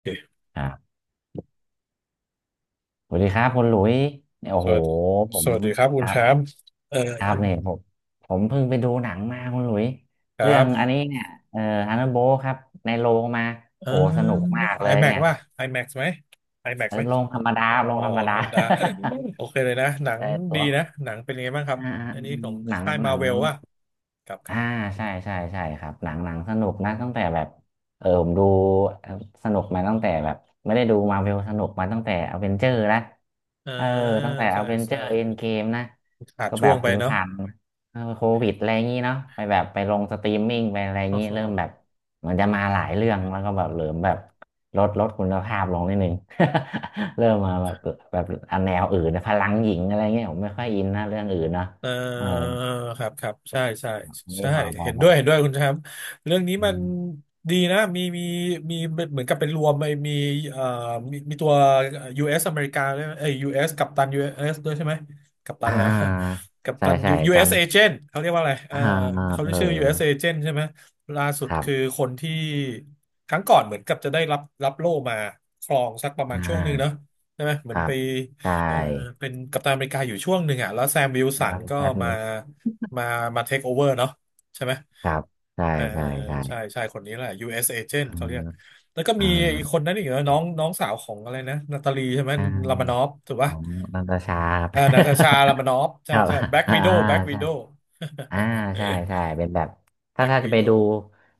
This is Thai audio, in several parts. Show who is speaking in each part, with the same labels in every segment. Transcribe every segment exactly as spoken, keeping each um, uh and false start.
Speaker 1: โอเค
Speaker 2: อ่าสวัสดีครับคุณหลุยเนี่ยโอ้
Speaker 1: ส
Speaker 2: โห
Speaker 1: วัสดี
Speaker 2: ผ
Speaker 1: ส
Speaker 2: ม
Speaker 1: วัสดีครับคุ
Speaker 2: ค
Speaker 1: ณ
Speaker 2: รั
Speaker 1: แช
Speaker 2: บ
Speaker 1: มป์เออ
Speaker 2: ครับเนี่ยผมผมเพิ่งไปดูหนังมาคุณหลุย
Speaker 1: ครั
Speaker 2: เรื่องอัน
Speaker 1: บ
Speaker 2: นี้เนี่ยเอ่อฮันนโบครับในโรงมา
Speaker 1: เอ
Speaker 2: โอ้สนุ
Speaker 1: อ
Speaker 2: กมากเลย
Speaker 1: iMac
Speaker 2: เนี่ย
Speaker 1: ป่ะ iMac ไหม iMac
Speaker 2: เอ
Speaker 1: ไห
Speaker 2: อ
Speaker 1: ม
Speaker 2: โรงธรรมดา
Speaker 1: อ๋อ
Speaker 2: โรงธรรม
Speaker 1: ธ
Speaker 2: ดา
Speaker 1: รรมดาโอเคเลยนะ หนั ง
Speaker 2: เออตั
Speaker 1: ดี
Speaker 2: ว
Speaker 1: นะ หนังเป็นยังไงบ้างครับ
Speaker 2: อ่าอ่า
Speaker 1: อันนี้
Speaker 2: อื
Speaker 1: ข
Speaker 2: ม
Speaker 1: อง
Speaker 2: หนัง
Speaker 1: ค่าย
Speaker 2: หนั
Speaker 1: มา
Speaker 2: ง
Speaker 1: เวลว่ะครับค
Speaker 2: อ่า
Speaker 1: รับ
Speaker 2: ใช่ใช่ใช่ครับหนังหนังสนุกนะตั้งแต่แบบเออผมดูสนุกมาตั้งแต่แบบไม่ได้ดูมาเวลสนุกมาตั้งแต่อเวนเจอร์นะ
Speaker 1: เออ
Speaker 2: เออตั้งแต่อ
Speaker 1: ใช่
Speaker 2: เวนเจอ
Speaker 1: ใช่
Speaker 2: ร์เอ็นเกมนะ
Speaker 1: ขาด
Speaker 2: ก็แบ
Speaker 1: ช่วง
Speaker 2: บ
Speaker 1: ไป
Speaker 2: อยู่
Speaker 1: เนาะ
Speaker 2: ผ่านเออโควิดอะไรอย่างงี้เนาะไปแบบไปลงสตรีมมิ่งไปอะไรอย่างงี้เริ่มแบบเหมือนจะมาหลายเรื่องแล้วก็แบบเหลิมแบบลดลดคุณภาพลงนิดนึง เริ่มมาแบบแบบอันแนวอื่นนะพลังหญิงอะไรเงี้ยผมไม่ค่อยอินนะเรื่องอื่นเนาะ
Speaker 1: เอ
Speaker 2: เออ
Speaker 1: อครับครับใช่ใช่
Speaker 2: นี่
Speaker 1: ใช่
Speaker 2: พอพอ
Speaker 1: เห็น
Speaker 2: พ
Speaker 1: ด้
Speaker 2: อ
Speaker 1: วยเห็นด้วยคุณแชมป์เรื่องนี้
Speaker 2: อื
Speaker 1: มัน
Speaker 2: ม
Speaker 1: ดีนะมีมีมีเหมือนกับเป็นรวมไปมีเอ่อมีมีตัว ยู เอส อสอเมริกาด้วยเอ้ย ยู เอส กัปตัน ยู เอส ด้วยใช่ไหมกัปตั
Speaker 2: อ่
Speaker 1: นแล้ว
Speaker 2: า
Speaker 1: กัป
Speaker 2: ใช่
Speaker 1: ตัน
Speaker 2: ใช่
Speaker 1: U-
Speaker 2: จอ
Speaker 1: s
Speaker 2: น
Speaker 1: agent เขาเรียกว่าอะไรเออ
Speaker 2: อ่า
Speaker 1: เขาเรี
Speaker 2: เอ
Speaker 1: ย
Speaker 2: อ
Speaker 1: กชื่อ ยู เอส agent ใช่ไหมล่าสุด
Speaker 2: ครับ
Speaker 1: คือคนที่ครั้งก่อนเหมือนกับจะได้รับรับโล่มาครองสักประมา
Speaker 2: อ่
Speaker 1: ณช่วงหนึ่งเนอะ
Speaker 2: า
Speaker 1: ใช่ไหมเห
Speaker 2: ค
Speaker 1: มือน
Speaker 2: รั
Speaker 1: ไป
Speaker 2: บใช่
Speaker 1: เออเป็นกัปตันอเมริกาอยู่ช่วงหนึ่งอ่ะแล้วแซมวิลสั
Speaker 2: ร
Speaker 1: น
Speaker 2: อง
Speaker 1: ก็
Speaker 2: แป๊บนึ
Speaker 1: มา
Speaker 2: ง
Speaker 1: มามาเทคโอเวอร์เนาะใช่ไหม
Speaker 2: ครับใช่
Speaker 1: เออ
Speaker 2: ใช่ใช่
Speaker 1: ใช่ใช่คนนี้แหละ ยู เอส. Agent
Speaker 2: อื
Speaker 1: เขาเรีย
Speaker 2: ม
Speaker 1: กแล้วก็
Speaker 2: อ่า
Speaker 1: มีไอ้คนนั้นอีกนะน้องน้องสาวของอะไรนะนาตาลีใช่ไหม
Speaker 2: อ่
Speaker 1: ลามา
Speaker 2: า
Speaker 1: นอฟถูก
Speaker 2: ข
Speaker 1: ป่ะ
Speaker 2: องนันตชาครับ
Speaker 1: เออนาตาชาลามานอฟ
Speaker 2: ค
Speaker 1: ใช่
Speaker 2: รับ
Speaker 1: ใช่แบล็ก
Speaker 2: อ่า
Speaker 1: วิโดวแบล็กวิ
Speaker 2: ใช่
Speaker 1: โด ว
Speaker 2: อ่าใช่ใช่เป็นแบบ
Speaker 1: แบ
Speaker 2: ถ้า
Speaker 1: ล็ก
Speaker 2: ถ้าจะ
Speaker 1: วิ
Speaker 2: ไป
Speaker 1: โด
Speaker 2: ดู
Speaker 1: ว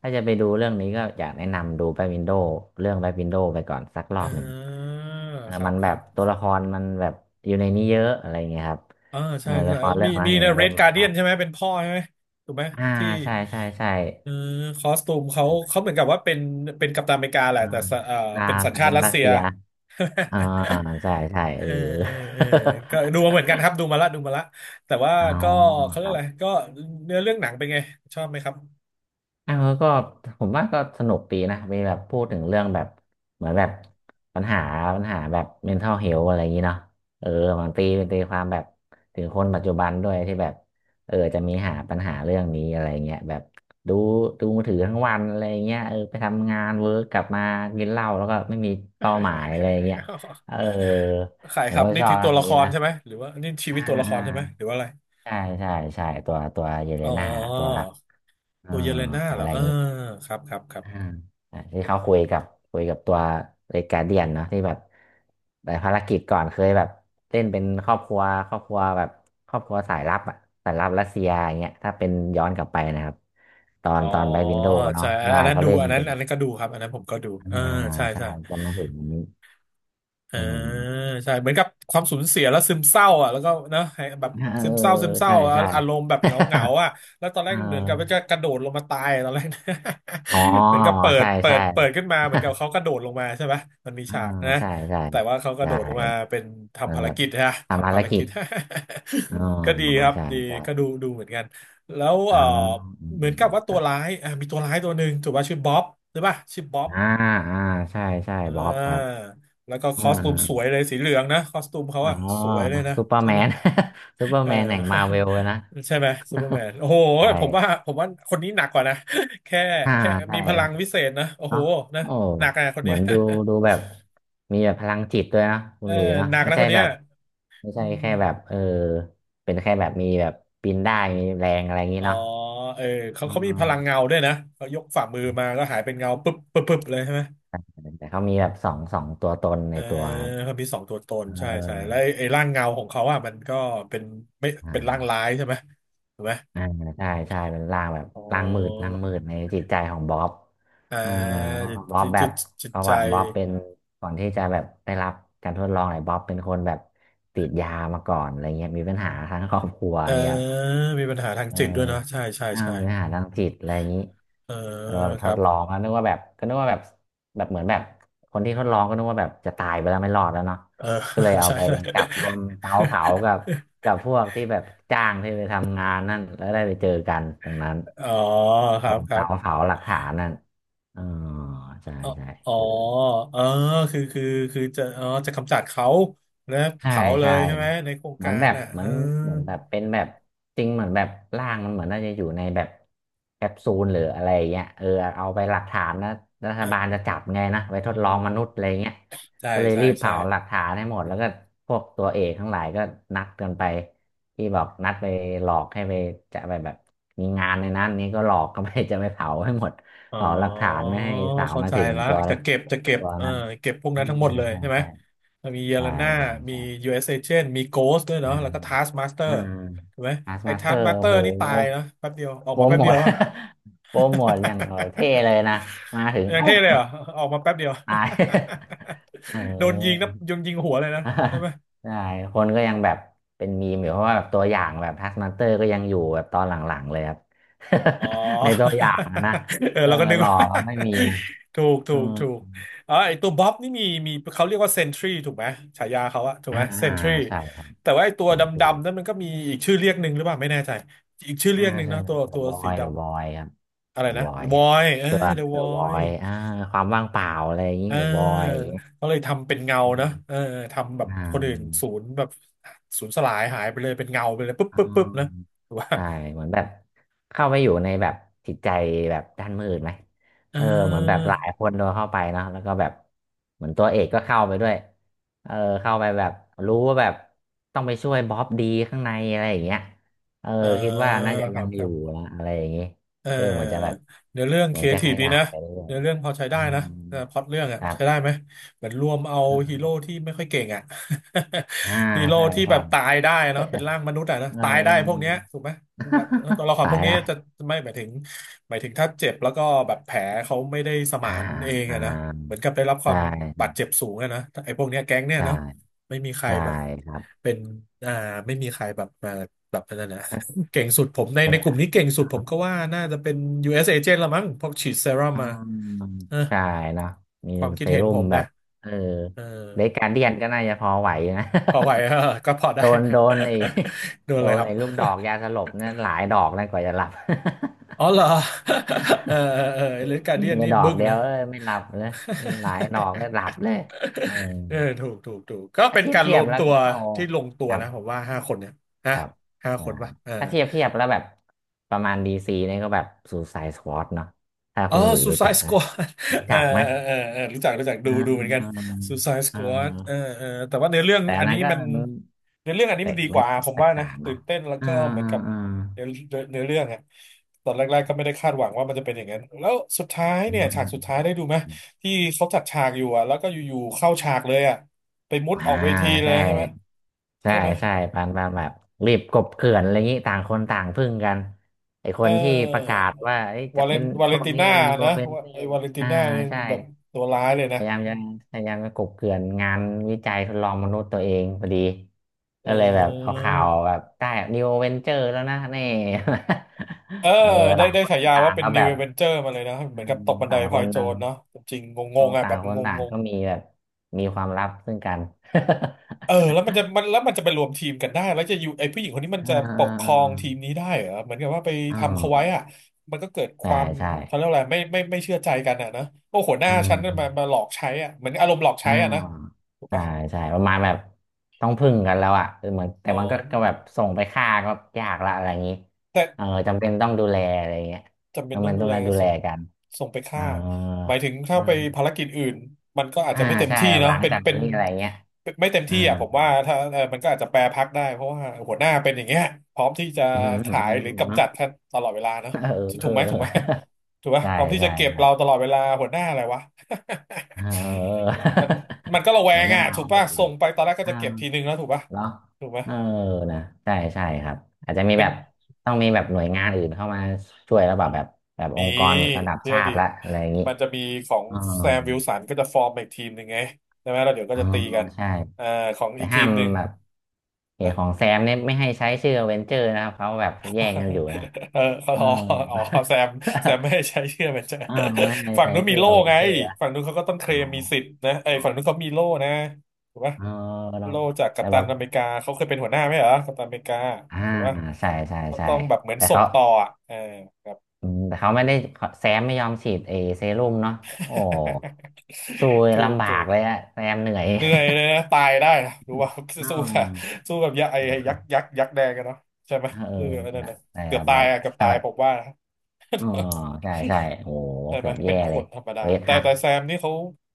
Speaker 2: ถ้าจะไปดูเรื่องนี้ก็อยากแนะนำดูแบ็ควินโดว์เรื่องแบ็ควินโดว์ไปก่อนสักรอบหนึ่ง
Speaker 1: เออ
Speaker 2: เออ
Speaker 1: ครั
Speaker 2: มั
Speaker 1: บ
Speaker 2: น
Speaker 1: ค
Speaker 2: แบ
Speaker 1: รั
Speaker 2: บ
Speaker 1: บ
Speaker 2: ตัวละครมันแบบอยู่ในนี้เยอะอะไรอย่างเงี้ยครับ
Speaker 1: อ่า
Speaker 2: เออ
Speaker 1: ใช่ใช่
Speaker 2: ละครเรื่อ
Speaker 1: มี
Speaker 2: งนะ
Speaker 1: มี
Speaker 2: อยู่
Speaker 1: ใน
Speaker 2: ใน
Speaker 1: เร
Speaker 2: เรื่อง
Speaker 1: ด
Speaker 2: มั
Speaker 1: กา
Speaker 2: น
Speaker 1: ร์เดี
Speaker 2: รั
Speaker 1: ยน
Speaker 2: บ
Speaker 1: ใช่ไหมเป็นพ่อใช่ไหมถูกไหม
Speaker 2: อ่า
Speaker 1: ที่
Speaker 2: ใช่ใช่ใช่
Speaker 1: เออคอสตูมเขาเขาเหมือนกับว่าเป็นเป็นกัปตันอเมริกาแหละ
Speaker 2: อ่า
Speaker 1: แต่สเออ
Speaker 2: อ่า
Speaker 1: เป็นสัญ
Speaker 2: แต่
Speaker 1: ชา
Speaker 2: เป็
Speaker 1: ติ
Speaker 2: น
Speaker 1: รัส
Speaker 2: รัส
Speaker 1: เซีย
Speaker 2: เซีย อ่าใช่ใช่
Speaker 1: เอ
Speaker 2: เอ
Speaker 1: อ
Speaker 2: อ
Speaker 1: เออเออก็ดูมาเห มือนกันครับดูมาละดูมาละแต่ว่า
Speaker 2: เอา
Speaker 1: ก็เขาเรี
Speaker 2: ค
Speaker 1: ยก
Speaker 2: รั
Speaker 1: อะ
Speaker 2: บ
Speaker 1: ไรก็เนื้อเรื่องหนังเป็นไงชอบไหมครับ
Speaker 2: อ้าแล้วก็ผมว่าก็สนุกดีนะมีแบบพูดถึงเรื่องแบบเหมือนแบบปัญหาปัญหาแบบ mental health อะไรอย่างนี้เนาะเออบางตีเป็นตีความแบบถึงคนปัจจุบันด้วยที่แบบเออจะมีหาปัญหาเรื่องนี้อะไรเงี้ยแบบดูดูมือถือทั้งวันอะไรเงี้ยเออไปทำงานเวิร์กกลับมากินเหล้าแล้วก็ไม่มีเป้าหมายอะไรเงี้ยเออ
Speaker 1: ขาย
Speaker 2: ผ
Speaker 1: ค
Speaker 2: ม
Speaker 1: รับ
Speaker 2: ก็ช
Speaker 1: นี่
Speaker 2: อ
Speaker 1: ถื
Speaker 2: บ
Speaker 1: อตั
Speaker 2: ทา
Speaker 1: ว
Speaker 2: ง
Speaker 1: ละ
Speaker 2: นี้
Speaker 1: คร
Speaker 2: นะ
Speaker 1: ใช่ไหมหรือว่านี่ชี
Speaker 2: อ่า
Speaker 1: วิตตัวละค
Speaker 2: อ่า
Speaker 1: รใช่ไหมหรือว่าอะไร
Speaker 2: ใช่ใช่ใช่ตัวตัวเยเล
Speaker 1: อ๋อ
Speaker 2: นาตัวหลักเออ
Speaker 1: ตัวเยเลน่าเหร
Speaker 2: อะ
Speaker 1: อ
Speaker 2: ไรอ
Speaker 1: เออ
Speaker 2: ย่างนี้
Speaker 1: ครับครับครับ
Speaker 2: อ่าอ่ะที่เขาคุยกับคุยกับตัวเลกาเดียนเนาะที่แบบไปภารกิจก่อนเคยแบบเล่นเป็นครอบครัวครอบครัวแบบครอบครัวสายลับอ่ะสายลับรัสเซียอย่างเงี้ยถ้าเป็นย้อนกลับไปนะครับตอน
Speaker 1: อ๋อ
Speaker 2: ตอนไปวินโดว์เนาะ
Speaker 1: ใช่อัน
Speaker 2: ใช่
Speaker 1: อันนั้น
Speaker 2: เขา
Speaker 1: ดู
Speaker 2: เล่น
Speaker 1: อันนั้น
Speaker 2: เป็น
Speaker 1: อันนั้นก็ดูครับอันนั้นผมก็ดู
Speaker 2: อ่า
Speaker 1: เออใช่
Speaker 2: ใช่
Speaker 1: ใช่
Speaker 2: จำมาถึงอันนี้
Speaker 1: อ่า
Speaker 2: เออ
Speaker 1: ใช่เหมือนกับความสูญเสียแล้วซึมเศร้าอ่ะแล้วก็นะให้แบบ
Speaker 2: เออ
Speaker 1: ซึมเศร้าซึมเศร้า
Speaker 2: ใช่
Speaker 1: อะ
Speaker 2: ใช่
Speaker 1: อารม ณ์แบบเหงาเหงาอ่ะแล้วตอนแร
Speaker 2: เอ
Speaker 1: กเหมือนกับว่าจะ
Speaker 2: อ
Speaker 1: กระโดดลงมาตายตอนแรกนะ
Speaker 2: อ๋อ
Speaker 1: เหมือนกับเปิด
Speaker 2: ใช่
Speaker 1: เปิ
Speaker 2: ใช่
Speaker 1: ดเปิดขึ้นมาเหมือนกับเขากระโดดลงมาใช่ไหมมันมี
Speaker 2: อ่า
Speaker 1: ฉากนะ
Speaker 2: ใช่ใช่
Speaker 1: แต่ว่าเขากระโด
Speaker 2: ได้
Speaker 1: ดลงมาเป็น
Speaker 2: แล้
Speaker 1: ทำ
Speaker 2: ว
Speaker 1: ภาร
Speaker 2: ก็
Speaker 1: กิจนะ
Speaker 2: ทำ
Speaker 1: ทำ
Speaker 2: ภา
Speaker 1: ภา
Speaker 2: ร
Speaker 1: ร
Speaker 2: กิ
Speaker 1: กิ
Speaker 2: จ
Speaker 1: จ
Speaker 2: อ๋อ
Speaker 1: ก็ดีครับ
Speaker 2: ใช่
Speaker 1: ดี
Speaker 2: ใช่
Speaker 1: ก็ดูดูเหมือนกันแล้ว
Speaker 2: อ๋อ
Speaker 1: เออ
Speaker 2: อืม
Speaker 1: เหมือ
Speaker 2: อื
Speaker 1: น
Speaker 2: ม
Speaker 1: กับว่า
Speaker 2: ค
Speaker 1: ตัว
Speaker 2: รับ
Speaker 1: ร้ายอ่ะมีตัวร้ายตัวหนึ่งถูกป่ะชื่อบ๊อบหรือป่ะชื่อบ๊อบ
Speaker 2: อ่าอ่าใช่ใช่
Speaker 1: อ่
Speaker 2: บ๊อบครับ
Speaker 1: าแล้วก็ค
Speaker 2: อ่า
Speaker 1: อสตูมสวยเลยสีเหลืองนะคอสตูมเขา
Speaker 2: อ๋อ
Speaker 1: อะสวยเลยนะ
Speaker 2: ซูเปอร์
Speaker 1: ใช่
Speaker 2: แม
Speaker 1: ไหม
Speaker 2: น ซูเปอร์
Speaker 1: เออ
Speaker 2: แมนแห่งมาเวลเลยนะ
Speaker 1: ใช่ไหมซูเปอร์แมนโอ้โห
Speaker 2: ใช่
Speaker 1: ผมว่าผมว่าคนนี้หนักกว่านะ แค่
Speaker 2: อ่า
Speaker 1: แค่มี
Speaker 2: ใช่
Speaker 1: พลังวิเศษนะโอ้โห
Speaker 2: เนาะ
Speaker 1: นะ
Speaker 2: โอ้
Speaker 1: หนักอะคน
Speaker 2: เห
Speaker 1: เนี้
Speaker 2: มื
Speaker 1: ย
Speaker 2: อนดูดูแบบมีแบบพลังจิตด้วยนะ คุ
Speaker 1: เอ
Speaker 2: ณ
Speaker 1: อ
Speaker 2: หลุยเนาะ
Speaker 1: หนัก
Speaker 2: ไม่
Speaker 1: นะค
Speaker 2: ใช่
Speaker 1: นเนี้
Speaker 2: แบ
Speaker 1: ย
Speaker 2: บไม่
Speaker 1: อื
Speaker 2: ใช่
Speaker 1: ม
Speaker 2: แค่แบบเออเป็นแค่แบบมีแบบปีนได้มีแรงอะไรอย่างนี้
Speaker 1: อ๋อ
Speaker 2: เนาะ
Speaker 1: เออเขา
Speaker 2: อ๋อ
Speaker 1: เขามีพลังเงาด้วยนะเขายกฝ่ามือมาก็หายเป็นเงาปึ๊บปึ๊บปึ๊บเลยใช่ไหม
Speaker 2: แต่เขามีแบบสองสองตัวตน
Speaker 1: เอ
Speaker 2: ใน
Speaker 1: อ
Speaker 2: ตัว
Speaker 1: เขามีสองตัวตน
Speaker 2: เ
Speaker 1: ใช่ใช่แล้ว
Speaker 2: ออ
Speaker 1: ไอ้ไอ้ร่างเงาของเขาอ่ะมันก็เป็นไม่เป็นร่าง
Speaker 2: อ่า
Speaker 1: ร้ายใช่ไหมถูกไหม
Speaker 2: อ่าใช่ใช่เป็นร่างแบบ
Speaker 1: อ๋อ
Speaker 2: ร่างมืดร่างมืดในจิตใจของบ๊อบ
Speaker 1: อ่
Speaker 2: เอ่อ
Speaker 1: า
Speaker 2: บ๊อ
Speaker 1: จิ
Speaker 2: บ
Speaker 1: ต
Speaker 2: แบ
Speaker 1: จิ
Speaker 2: บ
Speaker 1: ตจิตจิต
Speaker 2: ประ
Speaker 1: ใจ
Speaker 2: วัติบ๊อบเป็นก่อนที่จะแบบได้รับการทดลองเนี่ยบ๊อบเป็นคนแบบติดยามาก่อนอะไรเงี้ยมีปัญหาทางครอบครัว
Speaker 1: เออ
Speaker 2: เงี้ยครับ
Speaker 1: มีปัญหาทาง
Speaker 2: เออ
Speaker 1: จิตด้วยนะใช่ใช่
Speaker 2: อ่า
Speaker 1: ใช่
Speaker 2: เนื้อหาทางจิตอะไรอย่างนี้
Speaker 1: เออ
Speaker 2: เราแบบ
Speaker 1: ค
Speaker 2: ท
Speaker 1: รั
Speaker 2: ดลอ
Speaker 1: บ
Speaker 2: งแล้วนึกว่าแบบก็นึกว่าแบบแบบเหมือนแบบคนที่ทดลองก็นึกว่าแบบจะตายไปแล้วไม่รอดแล้วเนาะ
Speaker 1: เออ
Speaker 2: ก็เลย เอา
Speaker 1: ใช่
Speaker 2: ไป
Speaker 1: ใช่
Speaker 2: จับรวมเตาเผากับกับพวกที่แบบจ้างที่ไปทำงานนั่นแล้วได้ไปเจอกันตรงนั้น
Speaker 1: อ๋อค
Speaker 2: ต
Speaker 1: รั
Speaker 2: ร
Speaker 1: บ
Speaker 2: ง
Speaker 1: ครั
Speaker 2: เตา
Speaker 1: บ
Speaker 2: เผาหลักฐานนั่นอ๋อใช่
Speaker 1: อ๋อ
Speaker 2: ใช่
Speaker 1: อ๋อเออคือคือคือจะอ๋อจะกำจัดเขาแล้ว
Speaker 2: ใช่
Speaker 1: เผาเล
Speaker 2: ใช่
Speaker 1: ยใช่ไหมในโครง
Speaker 2: เหมื
Speaker 1: กา
Speaker 2: อน
Speaker 1: ร
Speaker 2: แบบ
Speaker 1: อ่ะ
Speaker 2: เห
Speaker 1: เอ
Speaker 2: มือ
Speaker 1: อ
Speaker 2: นเหมือนแบบเป็นแบบจริงเหมือนแบบร่างมันเหมือนน่าจะอยู่ในแบบแคปซูลหรืออะไรเงี้ยเออเอาไปหลักฐานนะรัฐบาลจะ
Speaker 1: นะ
Speaker 2: จับไงนะไปท
Speaker 1: อื
Speaker 2: ดลองมนุษย์อะไร
Speaker 1: ม
Speaker 2: เงี้ย
Speaker 1: ใช่
Speaker 2: ก็เลย
Speaker 1: ใช่
Speaker 2: รีบ
Speaker 1: ใช่
Speaker 2: เผาหลักฐานให้หมดแล้วก็พวกตัวเอกทั้งหลายก็นัดกันไปที่บอกนัดไปหลอกให้ไปจะไปแบบมีงานในนั้นนี้ก็หลอกก็ไปจะไปเผาให้หมด
Speaker 1: อ๋อ
Speaker 2: เผาหลักฐานไม่ให้สาว
Speaker 1: เข้า
Speaker 2: มา
Speaker 1: ใจ
Speaker 2: ถึง
Speaker 1: ละ
Speaker 2: ตัว
Speaker 1: จะเก็บจะเก็บ
Speaker 2: ตัว
Speaker 1: เออ
Speaker 2: นั้น
Speaker 1: เก็บพวกนั้
Speaker 2: อ่า
Speaker 1: นทั้งหมดเลย
Speaker 2: ใช่
Speaker 1: ใช่ไหม
Speaker 2: ใช่
Speaker 1: มีเย
Speaker 2: ใช
Speaker 1: ลาน่า
Speaker 2: ่
Speaker 1: มี
Speaker 2: ใช่
Speaker 1: ยู เอส Agent มี Ghost ด้วย
Speaker 2: ใช่
Speaker 1: เนาะแล้วก็ Taskmaster
Speaker 2: อ่า
Speaker 1: ถูกไหม
Speaker 2: อาส
Speaker 1: ไอ้
Speaker 2: มาสเตอร์โอ้
Speaker 1: Taskmaster
Speaker 2: โห
Speaker 1: นี่ตายเนาะแป๊บเดียวออก
Speaker 2: โปร
Speaker 1: มาแป๊บ
Speaker 2: โม
Speaker 1: เดีย
Speaker 2: ท
Speaker 1: วอะ
Speaker 2: โปรโม ทอย่างเท่เลยนะมาถึ ง
Speaker 1: อย่าง
Speaker 2: เอ้า
Speaker 1: เท่เลยเหรอออกมาแป๊บเดียว
Speaker 2: ตาย เอ
Speaker 1: โดนยิง
Speaker 2: อ
Speaker 1: นะโดนยิงหัวเลยนะใช่ไห ม
Speaker 2: ใช่คนก็ยังแบบเป็นมีมอยู่เพราะว่าแบบตัวอย่างแบบทัสมาสเตอร์ก็ยังอยู่แบบตอนหลังๆเลยครับ
Speaker 1: อ๋อ
Speaker 2: ในตัวอย่างอะนะ
Speaker 1: เออ
Speaker 2: เออ
Speaker 1: เราก็นึก
Speaker 2: ห ล่อ
Speaker 1: ว่า
Speaker 2: ก็ไม่มีนะ
Speaker 1: ถูกถู
Speaker 2: อื
Speaker 1: ก
Speaker 2: ม
Speaker 1: ถูกอ๋อไอตัวบ๊อบนี่มีมีเขาเรียกว่าเซนทรีถูกไหมฉายาเขาอะถูก
Speaker 2: อ่า
Speaker 1: ไหมเซน
Speaker 2: อ่า
Speaker 1: ทรี
Speaker 2: ใช่ครับ
Speaker 1: แต่ว่าไอตัว
Speaker 2: ผ
Speaker 1: ด
Speaker 2: ม
Speaker 1: ำๆนั่นมันก็มีอีกชื่อเรียกหนึ่งหรือเปล่าไม่แน่ใจอีกชื่อ
Speaker 2: อ่า
Speaker 1: เรียกหนึ่ง
Speaker 2: ใช่
Speaker 1: เนาะตัว
Speaker 2: The
Speaker 1: ตัวสี
Speaker 2: Void
Speaker 1: ด
Speaker 2: The Void
Speaker 1: ำ
Speaker 2: ครับ
Speaker 1: อะไร
Speaker 2: The
Speaker 1: นะ
Speaker 2: Void
Speaker 1: วอยเออ
Speaker 2: ตัว
Speaker 1: เดอะว
Speaker 2: The
Speaker 1: อย
Speaker 2: Void อ่าความว่างเปล่าอะไรอย่างนี้
Speaker 1: เ
Speaker 2: The Void อย่า
Speaker 1: ออ
Speaker 2: งงี้
Speaker 1: เขาเลยทำเป็นเงา
Speaker 2: อื
Speaker 1: เนาะ
Speaker 2: ม
Speaker 1: เออทำแบบ
Speaker 2: อ่
Speaker 1: คนอื่นศู
Speaker 2: า
Speaker 1: นย์แบบศูนย์สลายหายไปเลยเป็นเงาไปเลยปุ๊บ
Speaker 2: อ่า
Speaker 1: ปุ๊บปุ๊บนะถูกว่า
Speaker 2: ใช่เหมือนแบบเข้าไปอยู่ในแบบจิตใจแบบด้านมืดไหม
Speaker 1: เ
Speaker 2: เออเหมือนแบบ
Speaker 1: ออ
Speaker 2: หลายคนโดนเข้าไปเนาะแล้วก็แบบเหมือนตัวเอกก็เข้าไปด้วยเออเข้าไปแบบรู้ว่าแบบต้องไปช่วยบ๊อบดีข้างในอะไรอย่างเงี้ยเออ
Speaker 1: เออ
Speaker 2: คิดว่าน่าจะ
Speaker 1: ค
Speaker 2: ยั
Speaker 1: รั
Speaker 2: ง
Speaker 1: บ
Speaker 2: อ
Speaker 1: ครั
Speaker 2: ยู่
Speaker 1: บ
Speaker 2: นะอะไรอย่างงี้
Speaker 1: เ
Speaker 2: เออเหมือนจะแบบ
Speaker 1: ออเนื้อเรื่อง
Speaker 2: เห
Speaker 1: ค
Speaker 2: มือ
Speaker 1: รี
Speaker 2: น
Speaker 1: เอ
Speaker 2: จะ
Speaker 1: ที
Speaker 2: ข
Speaker 1: ฟดี
Speaker 2: ยาย
Speaker 1: นะ
Speaker 2: ไปเรื่อย
Speaker 1: เนื้อเรื่องพอใช้
Speaker 2: ๆ
Speaker 1: ได้
Speaker 2: อ่า
Speaker 1: นะเออพล็อตเรื่องอ่ะ
Speaker 2: ครั
Speaker 1: ใช้ได้
Speaker 2: บ
Speaker 1: ไหมเหมือนรวมเอาฮีโร่ที่ไม่ค่อยเก่งอ่ะ
Speaker 2: อ่า
Speaker 1: ฮีโร่
Speaker 2: ใช่
Speaker 1: ที่แบ
Speaker 2: ใช่
Speaker 1: บตายได้เนาะเป็นร่างมนุษย์อ่ะนะ
Speaker 2: เอ
Speaker 1: ตายได้พวกเนี้
Speaker 2: อ
Speaker 1: ยถูกไหมตัวละค รพ
Speaker 2: หา
Speaker 1: ว
Speaker 2: ย
Speaker 1: กนี้
Speaker 2: ละ
Speaker 1: จะไม่หมายถึงหมายถึงถ้าเจ็บแล้วก็แบบแผลเขาไม่ได้สมา
Speaker 2: อ่า
Speaker 1: นเอง
Speaker 2: อ่า
Speaker 1: อะนะเหมือนกับได้รับค
Speaker 2: ใช
Speaker 1: วามบา
Speaker 2: ่
Speaker 1: ดเจ็บสูงอะนะไอ้พวกเนี้ยแก๊งเนี้ย
Speaker 2: ใช่
Speaker 1: เนาะไม่มีใคร
Speaker 2: ใช่
Speaker 1: แบบ
Speaker 2: ครับ
Speaker 1: เป็นอ่าไม่มีใครแบบมาแบบนั้นนะ เก่งสุดผมใน
Speaker 2: แล้ว
Speaker 1: ใน
Speaker 2: แบ
Speaker 1: กลุ่ม
Speaker 2: บ
Speaker 1: นี้เก่งสุดผมก็ว่าน่าจะเป็น ยู เอส Agent ละมั้งเพราะฉีดเซรั่ม
Speaker 2: อื
Speaker 1: มา
Speaker 2: ม
Speaker 1: นะ
Speaker 2: ใช่เนาะมี
Speaker 1: ความคิ
Speaker 2: เซ
Speaker 1: ดเห็น
Speaker 2: รุ่
Speaker 1: ผ
Speaker 2: ม
Speaker 1: ม
Speaker 2: แบ
Speaker 1: นะ
Speaker 2: บเออ
Speaker 1: เออ
Speaker 2: เด็กการเดียนก็น่าจะพอไหวนะ
Speaker 1: พอไหว เออก็พอ ได้
Speaker 2: โดน
Speaker 1: นะ
Speaker 2: โดนไอ้
Speaker 1: โด น
Speaker 2: โด
Speaker 1: อะไร
Speaker 2: น
Speaker 1: ครับ
Speaker 2: ไอ้ลูกดอกยาสลบเนี่ยหลายดอกนะกว่าจะหลับ
Speaker 1: อ๋อเหรอ เออเออเออหรือการ
Speaker 2: ยิ
Speaker 1: เดี
Speaker 2: ง
Speaker 1: ยน
Speaker 2: ไป
Speaker 1: นี่
Speaker 2: ดอ
Speaker 1: บึ้
Speaker 2: ก
Speaker 1: ง
Speaker 2: เดียว
Speaker 1: นะ
Speaker 2: เอ้ยไม่หลับเลยหลายดอกเลยหลับเลยเออ
Speaker 1: เออถูกถูกถูกก็
Speaker 2: อา
Speaker 1: เป็น
Speaker 2: ชีพ
Speaker 1: การ
Speaker 2: เที
Speaker 1: ร
Speaker 2: ยบ
Speaker 1: วม
Speaker 2: แล้ว
Speaker 1: ตัว
Speaker 2: ก็เข้า
Speaker 1: ที่ลงตัว
Speaker 2: ครับ
Speaker 1: นะผมว่าห้าคนเนี่ยนะ
Speaker 2: ครับ
Speaker 1: ห้า
Speaker 2: อ่า
Speaker 1: คนปะเออ
Speaker 2: ถ้าเทียบเทียบแล้วแบบประมาณดีซีเนี่ยก็แบบซูไซด์สควอดเนาะถ้า
Speaker 1: อ๋อ
Speaker 2: คุณหลุยรู้จั
Speaker 1: Suicide
Speaker 2: กนะ
Speaker 1: Squad
Speaker 2: รู้
Speaker 1: เอ
Speaker 2: จั
Speaker 1: อ
Speaker 2: กไหม
Speaker 1: เออเออเออรู้จักรู้จักดู
Speaker 2: อ่า
Speaker 1: ดูเหมือนกัน Suicide
Speaker 2: อ่า
Speaker 1: Squad เออเออแต่ว่าเนื้อเรื่อง
Speaker 2: แต่อั
Speaker 1: อั
Speaker 2: น
Speaker 1: น
Speaker 2: นั้
Speaker 1: นี้
Speaker 2: นก็
Speaker 1: มันเนื้อเรื่องอันนี้มัน
Speaker 2: เตะ
Speaker 1: ดีก
Speaker 2: ไม่
Speaker 1: ว่าผม
Speaker 2: แตก
Speaker 1: ว่านะ
Speaker 2: ต่าง
Speaker 1: ตื่
Speaker 2: นะ
Speaker 1: นเต้นแล้ว
Speaker 2: อ่า
Speaker 1: ก็เหมือน
Speaker 2: อ่า
Speaker 1: กับ
Speaker 2: อ่า
Speaker 1: เนื้อเนื้อเนื้อเรื่องอะตอนแรกๆก็ไม่ได้คาดหวังว่ามันจะเป็นอย่างนั้นแล้วสุดท้าย
Speaker 2: อื
Speaker 1: เนี่
Speaker 2: ม
Speaker 1: ยฉา
Speaker 2: อื
Speaker 1: ก
Speaker 2: ม
Speaker 1: สุดท้ายได้ดูไหม
Speaker 2: อืม
Speaker 1: ที่เขาจัดฉากอยู่อะแล้วก็อยู่ๆเข้าฉากเลยอะไปมุด
Speaker 2: อ่า
Speaker 1: ออกเวทีเลย
Speaker 2: ใช่
Speaker 1: ใช่ไหม
Speaker 2: ใช่
Speaker 1: ใช่ไหม
Speaker 2: ใช่ปานมาแบบรีบกบเกลื่อนอะไรงี้ต่างคนต่างพึ่งกัน ไอค
Speaker 1: เ
Speaker 2: นที่ประกา
Speaker 1: ออ
Speaker 2: ศว่าเอ้ยจะ
Speaker 1: วาเล
Speaker 2: เป็
Speaker 1: น
Speaker 2: น
Speaker 1: วาเล
Speaker 2: ช่
Speaker 1: น
Speaker 2: วง
Speaker 1: ติ
Speaker 2: นี้
Speaker 1: น่า
Speaker 2: นิว
Speaker 1: นะ
Speaker 2: เวน
Speaker 1: ว่า
Speaker 2: เจอ
Speaker 1: ไอ้
Speaker 2: ร์
Speaker 1: วาเลนติ
Speaker 2: อ่า
Speaker 1: น่าเนี่ย
Speaker 2: ใช่
Speaker 1: แบบตัวร้ายเลย
Speaker 2: พ
Speaker 1: นะ
Speaker 2: ยายามจะพยายามจะกลบเกลื่อนงานวิจัยทดลองมนุษย์ตัวเองพอดี
Speaker 1: เ
Speaker 2: ก็เลยแบบเอา
Speaker 1: ออ
Speaker 2: ข่าวแบบได้นิวเวนเจอร์แล้วนะนี่
Speaker 1: เออ
Speaker 2: เออ
Speaker 1: ได้
Speaker 2: ต่าง
Speaker 1: ได้
Speaker 2: คน
Speaker 1: ฉายา
Speaker 2: ต่า
Speaker 1: ว่า
Speaker 2: ง
Speaker 1: เป็น
Speaker 2: ก็แบ
Speaker 1: New
Speaker 2: บ
Speaker 1: Avenger มาเลยนะเห
Speaker 2: อื
Speaker 1: มือนกั
Speaker 2: ม
Speaker 1: บตกบันได
Speaker 2: ต่าง
Speaker 1: พล
Speaker 2: ค
Speaker 1: อย
Speaker 2: น
Speaker 1: โจ
Speaker 2: ต่าง
Speaker 1: รเนาะจริงงงๆอ่ะแบ
Speaker 2: ต่าง
Speaker 1: บ
Speaker 2: ค
Speaker 1: ง
Speaker 2: นต่า
Speaker 1: ง
Speaker 2: งก็มีแบบมีความลับซึ่งกัน
Speaker 1: ๆเออแล้วมันจะ มันแล้วมันจะไปรวมทีมกันได้แล้วจะอยู่ไอ้ผู้หญิงคนนี้มัน
Speaker 2: อ่า
Speaker 1: จะป
Speaker 2: อ่า
Speaker 1: กคร
Speaker 2: อ่
Speaker 1: องทีม
Speaker 2: า
Speaker 1: นี้ได้เหรอเหมือนกับว่าไป
Speaker 2: อ่
Speaker 1: ทำเขาไว้
Speaker 2: า
Speaker 1: อ่ะมันก็เกิดค
Speaker 2: ใช่
Speaker 1: วาม
Speaker 2: ใช่
Speaker 1: เขาเรียกวอะไรไม่ไม่ไม่เชื่อใจกันอ่ะนะโอ้หัวหน้า
Speaker 2: อื
Speaker 1: ฉันมามา
Speaker 2: ม
Speaker 1: หลอกใช้อ่ะเหมือนอารมณ์หลอก
Speaker 2: อ่า
Speaker 1: ใช้อ่ะนะถูก
Speaker 2: ใช่
Speaker 1: ปะ
Speaker 2: ใช่ประมาณแบบต้องพึ่งกันแล้วอ่ะเออเหมือนแต่
Speaker 1: อ๋อ
Speaker 2: มันก็ก็แบบส่งไปฆ่าก็ยากละอะไรอย่างนี้
Speaker 1: แต่
Speaker 2: เออจำเป็นต้องดูแลอะไรอย่างเงี้ย
Speaker 1: จำเป็
Speaker 2: แล้
Speaker 1: น
Speaker 2: ว
Speaker 1: ต้อ
Speaker 2: มั
Speaker 1: ง
Speaker 2: น
Speaker 1: ดู
Speaker 2: ต้อง
Speaker 1: แล
Speaker 2: ดูแล
Speaker 1: ส่ง
Speaker 2: กัน
Speaker 1: ส่งไป
Speaker 2: เออ
Speaker 1: ฆ่าหมายถึงถ้า
Speaker 2: อื
Speaker 1: ไป
Speaker 2: ม
Speaker 1: ภารกิจอื่นมันก็อาจ
Speaker 2: อ่า
Speaker 1: จะไม่เต็ม
Speaker 2: ใช่
Speaker 1: ที่
Speaker 2: แบบห
Speaker 1: เนาะ
Speaker 2: ลัง
Speaker 1: เป็น
Speaker 2: จาก
Speaker 1: เป็น
Speaker 2: นี้อะไรเงี้ย
Speaker 1: เป็นไม่เต็ม
Speaker 2: อ่า
Speaker 1: ที่อ่ะผมว่าถ้าเออมันก็อาจจะแปรพักได้เพราะว่าหัวหน้าเป็นอย่างเงี้ยพร้อมที่จะ
Speaker 2: อืมอืม
Speaker 1: ขายห
Speaker 2: อื
Speaker 1: รือ
Speaker 2: ม
Speaker 1: กำ
Speaker 2: เนาะ
Speaker 1: จัดท่านตลอดเวลาเนาะ
Speaker 2: เออเอ
Speaker 1: ถูกไหมถูกไหม
Speaker 2: อ
Speaker 1: ถูกไหม
Speaker 2: ใช่
Speaker 1: พร้อมที่
Speaker 2: ใช่
Speaker 1: จะเก็บ
Speaker 2: ใช่
Speaker 1: เราตลอดเวลาหัวหน้าอะไรวะ
Speaker 2: เออ
Speaker 1: มันมันก็ระ แว
Speaker 2: โหัว
Speaker 1: ง
Speaker 2: หน้า
Speaker 1: อ่ะถูก
Speaker 2: โห
Speaker 1: ป่ะ
Speaker 2: ดเล
Speaker 1: ส่ง
Speaker 2: ย
Speaker 1: ไปตอนแรกก็จะเก็บทีนึงแล้วถูกป่ะ
Speaker 2: เนาะ
Speaker 1: ถูกไหม
Speaker 2: เออนะใช่ใช่ครับอาจจะมี
Speaker 1: เป็
Speaker 2: แบ
Speaker 1: น
Speaker 2: บต้องมีแบบหน่วยงานอื่นเข้ามาช่วยแล้วแบบแบบแบบอ
Speaker 1: มี
Speaker 2: งค์กรระดับ
Speaker 1: เชื่อ
Speaker 2: ชา
Speaker 1: ดิ
Speaker 2: ติละอะไรอย่างนี้
Speaker 1: มันจะมีของ
Speaker 2: อ๋อ
Speaker 1: แซมวิลสันก็จะฟอร์มอีกทีมหนึ่งไงใช่ไหมแล้วเดี๋ยวก็
Speaker 2: อ๋อ
Speaker 1: จะตีกัน
Speaker 2: ใช่
Speaker 1: เอ่อของ
Speaker 2: แต่
Speaker 1: อีกที
Speaker 2: ห้า
Speaker 1: ม
Speaker 2: ม
Speaker 1: หนึ่ง
Speaker 2: แบบ เห
Speaker 1: นะ
Speaker 2: ตุของแซมเนี่ยไม่ให้ใช้ชื่อเวนเจอร์นะครับเขาแบบแย่งกันอยู่นะ
Speaker 1: เออเขา
Speaker 2: เออ
Speaker 1: อ๋ออ๋อแซมแซมไม่ ให้ใช้ชื่อมันจะ
Speaker 2: เออไม่ให้
Speaker 1: ฝั่ง
Speaker 2: ใช้
Speaker 1: นู้นมี
Speaker 2: ชื่อ
Speaker 1: โล่
Speaker 2: เวน
Speaker 1: ไง
Speaker 2: เจอร์อะ
Speaker 1: ฝั่งนู้นเขาก็ต้องเคล
Speaker 2: อ๋อ
Speaker 1: มมีสิทธิ์นะไอ้ย
Speaker 2: อ๋อ
Speaker 1: ฝั่งนู้นเขามีโล่นะถูกปะ
Speaker 2: เออเนาะ
Speaker 1: โล่จากกัป
Speaker 2: แต่
Speaker 1: ตั
Speaker 2: แบ
Speaker 1: น
Speaker 2: บ
Speaker 1: อเมริกาเขาเคยเป็นหัวหน้าไหมเหรอกัปตันอเมริกา
Speaker 2: อ่า
Speaker 1: ถูกปะ
Speaker 2: ใช่ใช่
Speaker 1: ก็
Speaker 2: ใช่
Speaker 1: ต้องแบบเหมือน
Speaker 2: แต่
Speaker 1: ส่ง
Speaker 2: เขา
Speaker 1: ต่ออ่ะเออครับ
Speaker 2: อืมแต่เขาไม่ได้แซมไม่ยอมฉีดเอเซรุ่มเนาะโอ้สู้
Speaker 1: ถูก
Speaker 2: ลำบา
Speaker 1: ถู
Speaker 2: ก
Speaker 1: ก
Speaker 2: เลยอะแซมเหนื่อย
Speaker 1: เหนื่อยเลยนะตายได้นะรู้ ป่ะ
Speaker 2: อ๋อ
Speaker 1: สู้ค่ะสู้กับยักษ์ไอ้ยักษ์
Speaker 2: ออ
Speaker 1: ยักษ์ยักษ์แดงกันเนาะใช่ไหม
Speaker 2: เออ
Speaker 1: สู้กับนั่นนะ
Speaker 2: แต่
Speaker 1: เกือบตา
Speaker 2: แบ
Speaker 1: ย
Speaker 2: บ
Speaker 1: อะเกือบ
Speaker 2: ถ้า
Speaker 1: ตาย
Speaker 2: แบบ
Speaker 1: ผมว่านะ
Speaker 2: อ๋อ ใช่ใช่โอ้
Speaker 1: ใช่ไห
Speaker 2: เกื
Speaker 1: ม
Speaker 2: อบ
Speaker 1: เป็
Speaker 2: แย่
Speaker 1: นค
Speaker 2: เลย
Speaker 1: นธรรมดา
Speaker 2: เรด
Speaker 1: แต่
Speaker 2: ฮัก
Speaker 1: แต่แซมนี่เขา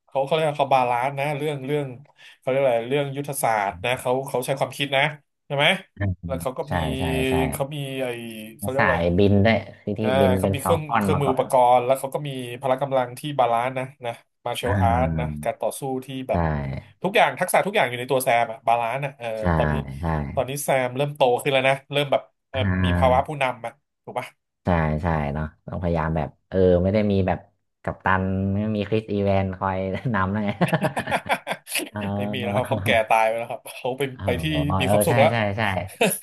Speaker 1: เขาเขาเรียกว่าเขาบาลานซ์นะเรื่องเรื่องเขาเรียกอะไรเรื่องยุทธศาสตร์นะเขาเขาใช้ความคิดนะใช่ไหม
Speaker 2: อื
Speaker 1: แล้ว
Speaker 2: ม
Speaker 1: เขาก็
Speaker 2: ใช่
Speaker 1: มี
Speaker 2: ใช่ใช่
Speaker 1: เขามีไอ้
Speaker 2: แล้
Speaker 1: เขา
Speaker 2: ว
Speaker 1: เรียก
Speaker 2: สา
Speaker 1: อะไร
Speaker 2: ยบินด้วยคือที่
Speaker 1: อ่า
Speaker 2: บิน
Speaker 1: เขา
Speaker 2: เป็น
Speaker 1: มี
Speaker 2: ฟ
Speaker 1: เค
Speaker 2: อ
Speaker 1: รื่
Speaker 2: ล
Speaker 1: อง
Speaker 2: คอน
Speaker 1: เครื่อง
Speaker 2: มา
Speaker 1: มือ
Speaker 2: ก่อ
Speaker 1: อุป
Speaker 2: น
Speaker 1: กรณ์แล้วเขาก็มีพละกำลังที่บาลานซ์นะนะมาร์เช
Speaker 2: อ่
Speaker 1: ลอาร์ตนะ
Speaker 2: า
Speaker 1: การต่อสู้ที่แบบ
Speaker 2: ใช่
Speaker 1: ทุกอย่างทักษะทุกอย่างอยู่ในตัวแซมอะบาลานซ์อะเออ
Speaker 2: ใช่
Speaker 1: ตอนนี้
Speaker 2: ใช่
Speaker 1: ตอนนี้แซมเริ่มโตขึ้นแล้วนะเริ่มแบบเออ
Speaker 2: อ่
Speaker 1: มีภาวะผู้
Speaker 2: า
Speaker 1: นำอะถูกปะ
Speaker 2: ใช่ใช่เนาะต้องพยายามแบบเออไม่ได้มีแบบกัปตันไม่มีคริสอีแวนคอยนำนะไง เอ
Speaker 1: ไม่มีนะครับ
Speaker 2: อ
Speaker 1: เขาแก่ตายไปแล้วครับเขาไป
Speaker 2: เออ
Speaker 1: ไปที่มี
Speaker 2: เอ
Speaker 1: ค
Speaker 2: อ
Speaker 1: วามสุข
Speaker 2: ใช่
Speaker 1: แล้ว
Speaker 2: ใช่ใช่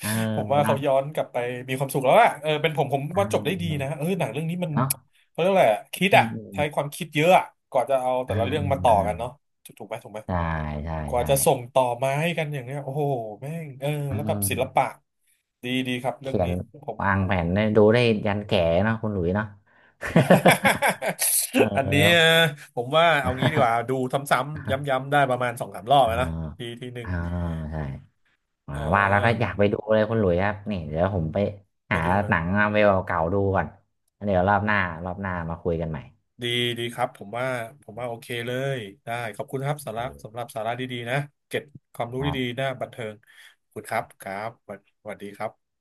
Speaker 2: เออ
Speaker 1: ผมว่าเขา
Speaker 2: เนาะ
Speaker 1: ย้อนกลับไปมีความสุขแล้วอะเออเป็นผมผม
Speaker 2: เ
Speaker 1: ว่าจบได้ดี
Speaker 2: ออ
Speaker 1: นะเออหนังเรื่องนี้มัน
Speaker 2: เนาะ
Speaker 1: เขาเรียกอะไรอะคิด
Speaker 2: อื
Speaker 1: อะ
Speaker 2: มอืม
Speaker 1: ใช้ความคิดเยอะอะกว่าจะเอาแต่
Speaker 2: อื
Speaker 1: ละ
Speaker 2: ม
Speaker 1: เรื่องมาต่อ
Speaker 2: อื
Speaker 1: กั
Speaker 2: ม
Speaker 1: นเนาะถูกถูกไหมถูกไหม
Speaker 2: ใช่ใช่
Speaker 1: กว่า
Speaker 2: ใช่
Speaker 1: จะส่งต่อมาให้กันอย่างเนี้ยโอ้โหแม่งเออ
Speaker 2: อื
Speaker 1: แล้วแบบศิลปะ
Speaker 2: ม
Speaker 1: ดีดีครับเรื่อง
Speaker 2: เขีย
Speaker 1: นี้
Speaker 2: น
Speaker 1: ผม
Speaker 2: วางแผนได้ดูได้ยันแก่เนาะคุณหลุยเนาะ เออ
Speaker 1: อันนี้เอ่อผมว่าเอางี้ดีกว่าดูซ้ำๆ ย้ำๆได้ประมาณสองสามรอบ
Speaker 2: อ่า
Speaker 1: แล้วนะทีทีห นึ่ง
Speaker 2: อ่าใช่ อ่า
Speaker 1: เออ
Speaker 2: ว่าแล้วก็อยากไปดูเลยคุณหลุยครับนี่เดี๋ยวผมไป
Speaker 1: ไป
Speaker 2: หา
Speaker 1: ดู
Speaker 2: ห
Speaker 1: นะ
Speaker 2: นังมาเวลเก่าๆดูก่อนแล้วเดี๋ยวรอบหน้ารอบหน้ามาคุยกันใหม่
Speaker 1: ดีดีครับผมว่าผมว่าโอเคเลยได้ขอบคุณครับ
Speaker 2: โอ
Speaker 1: สาระสำห
Speaker 2: เค
Speaker 1: รับสาระดีๆนะเก็บความรู้
Speaker 2: ครั
Speaker 1: ดี
Speaker 2: บ
Speaker 1: ๆหน้าบันเทิงขอบคุณครับครับสวัสสวัสดีครับ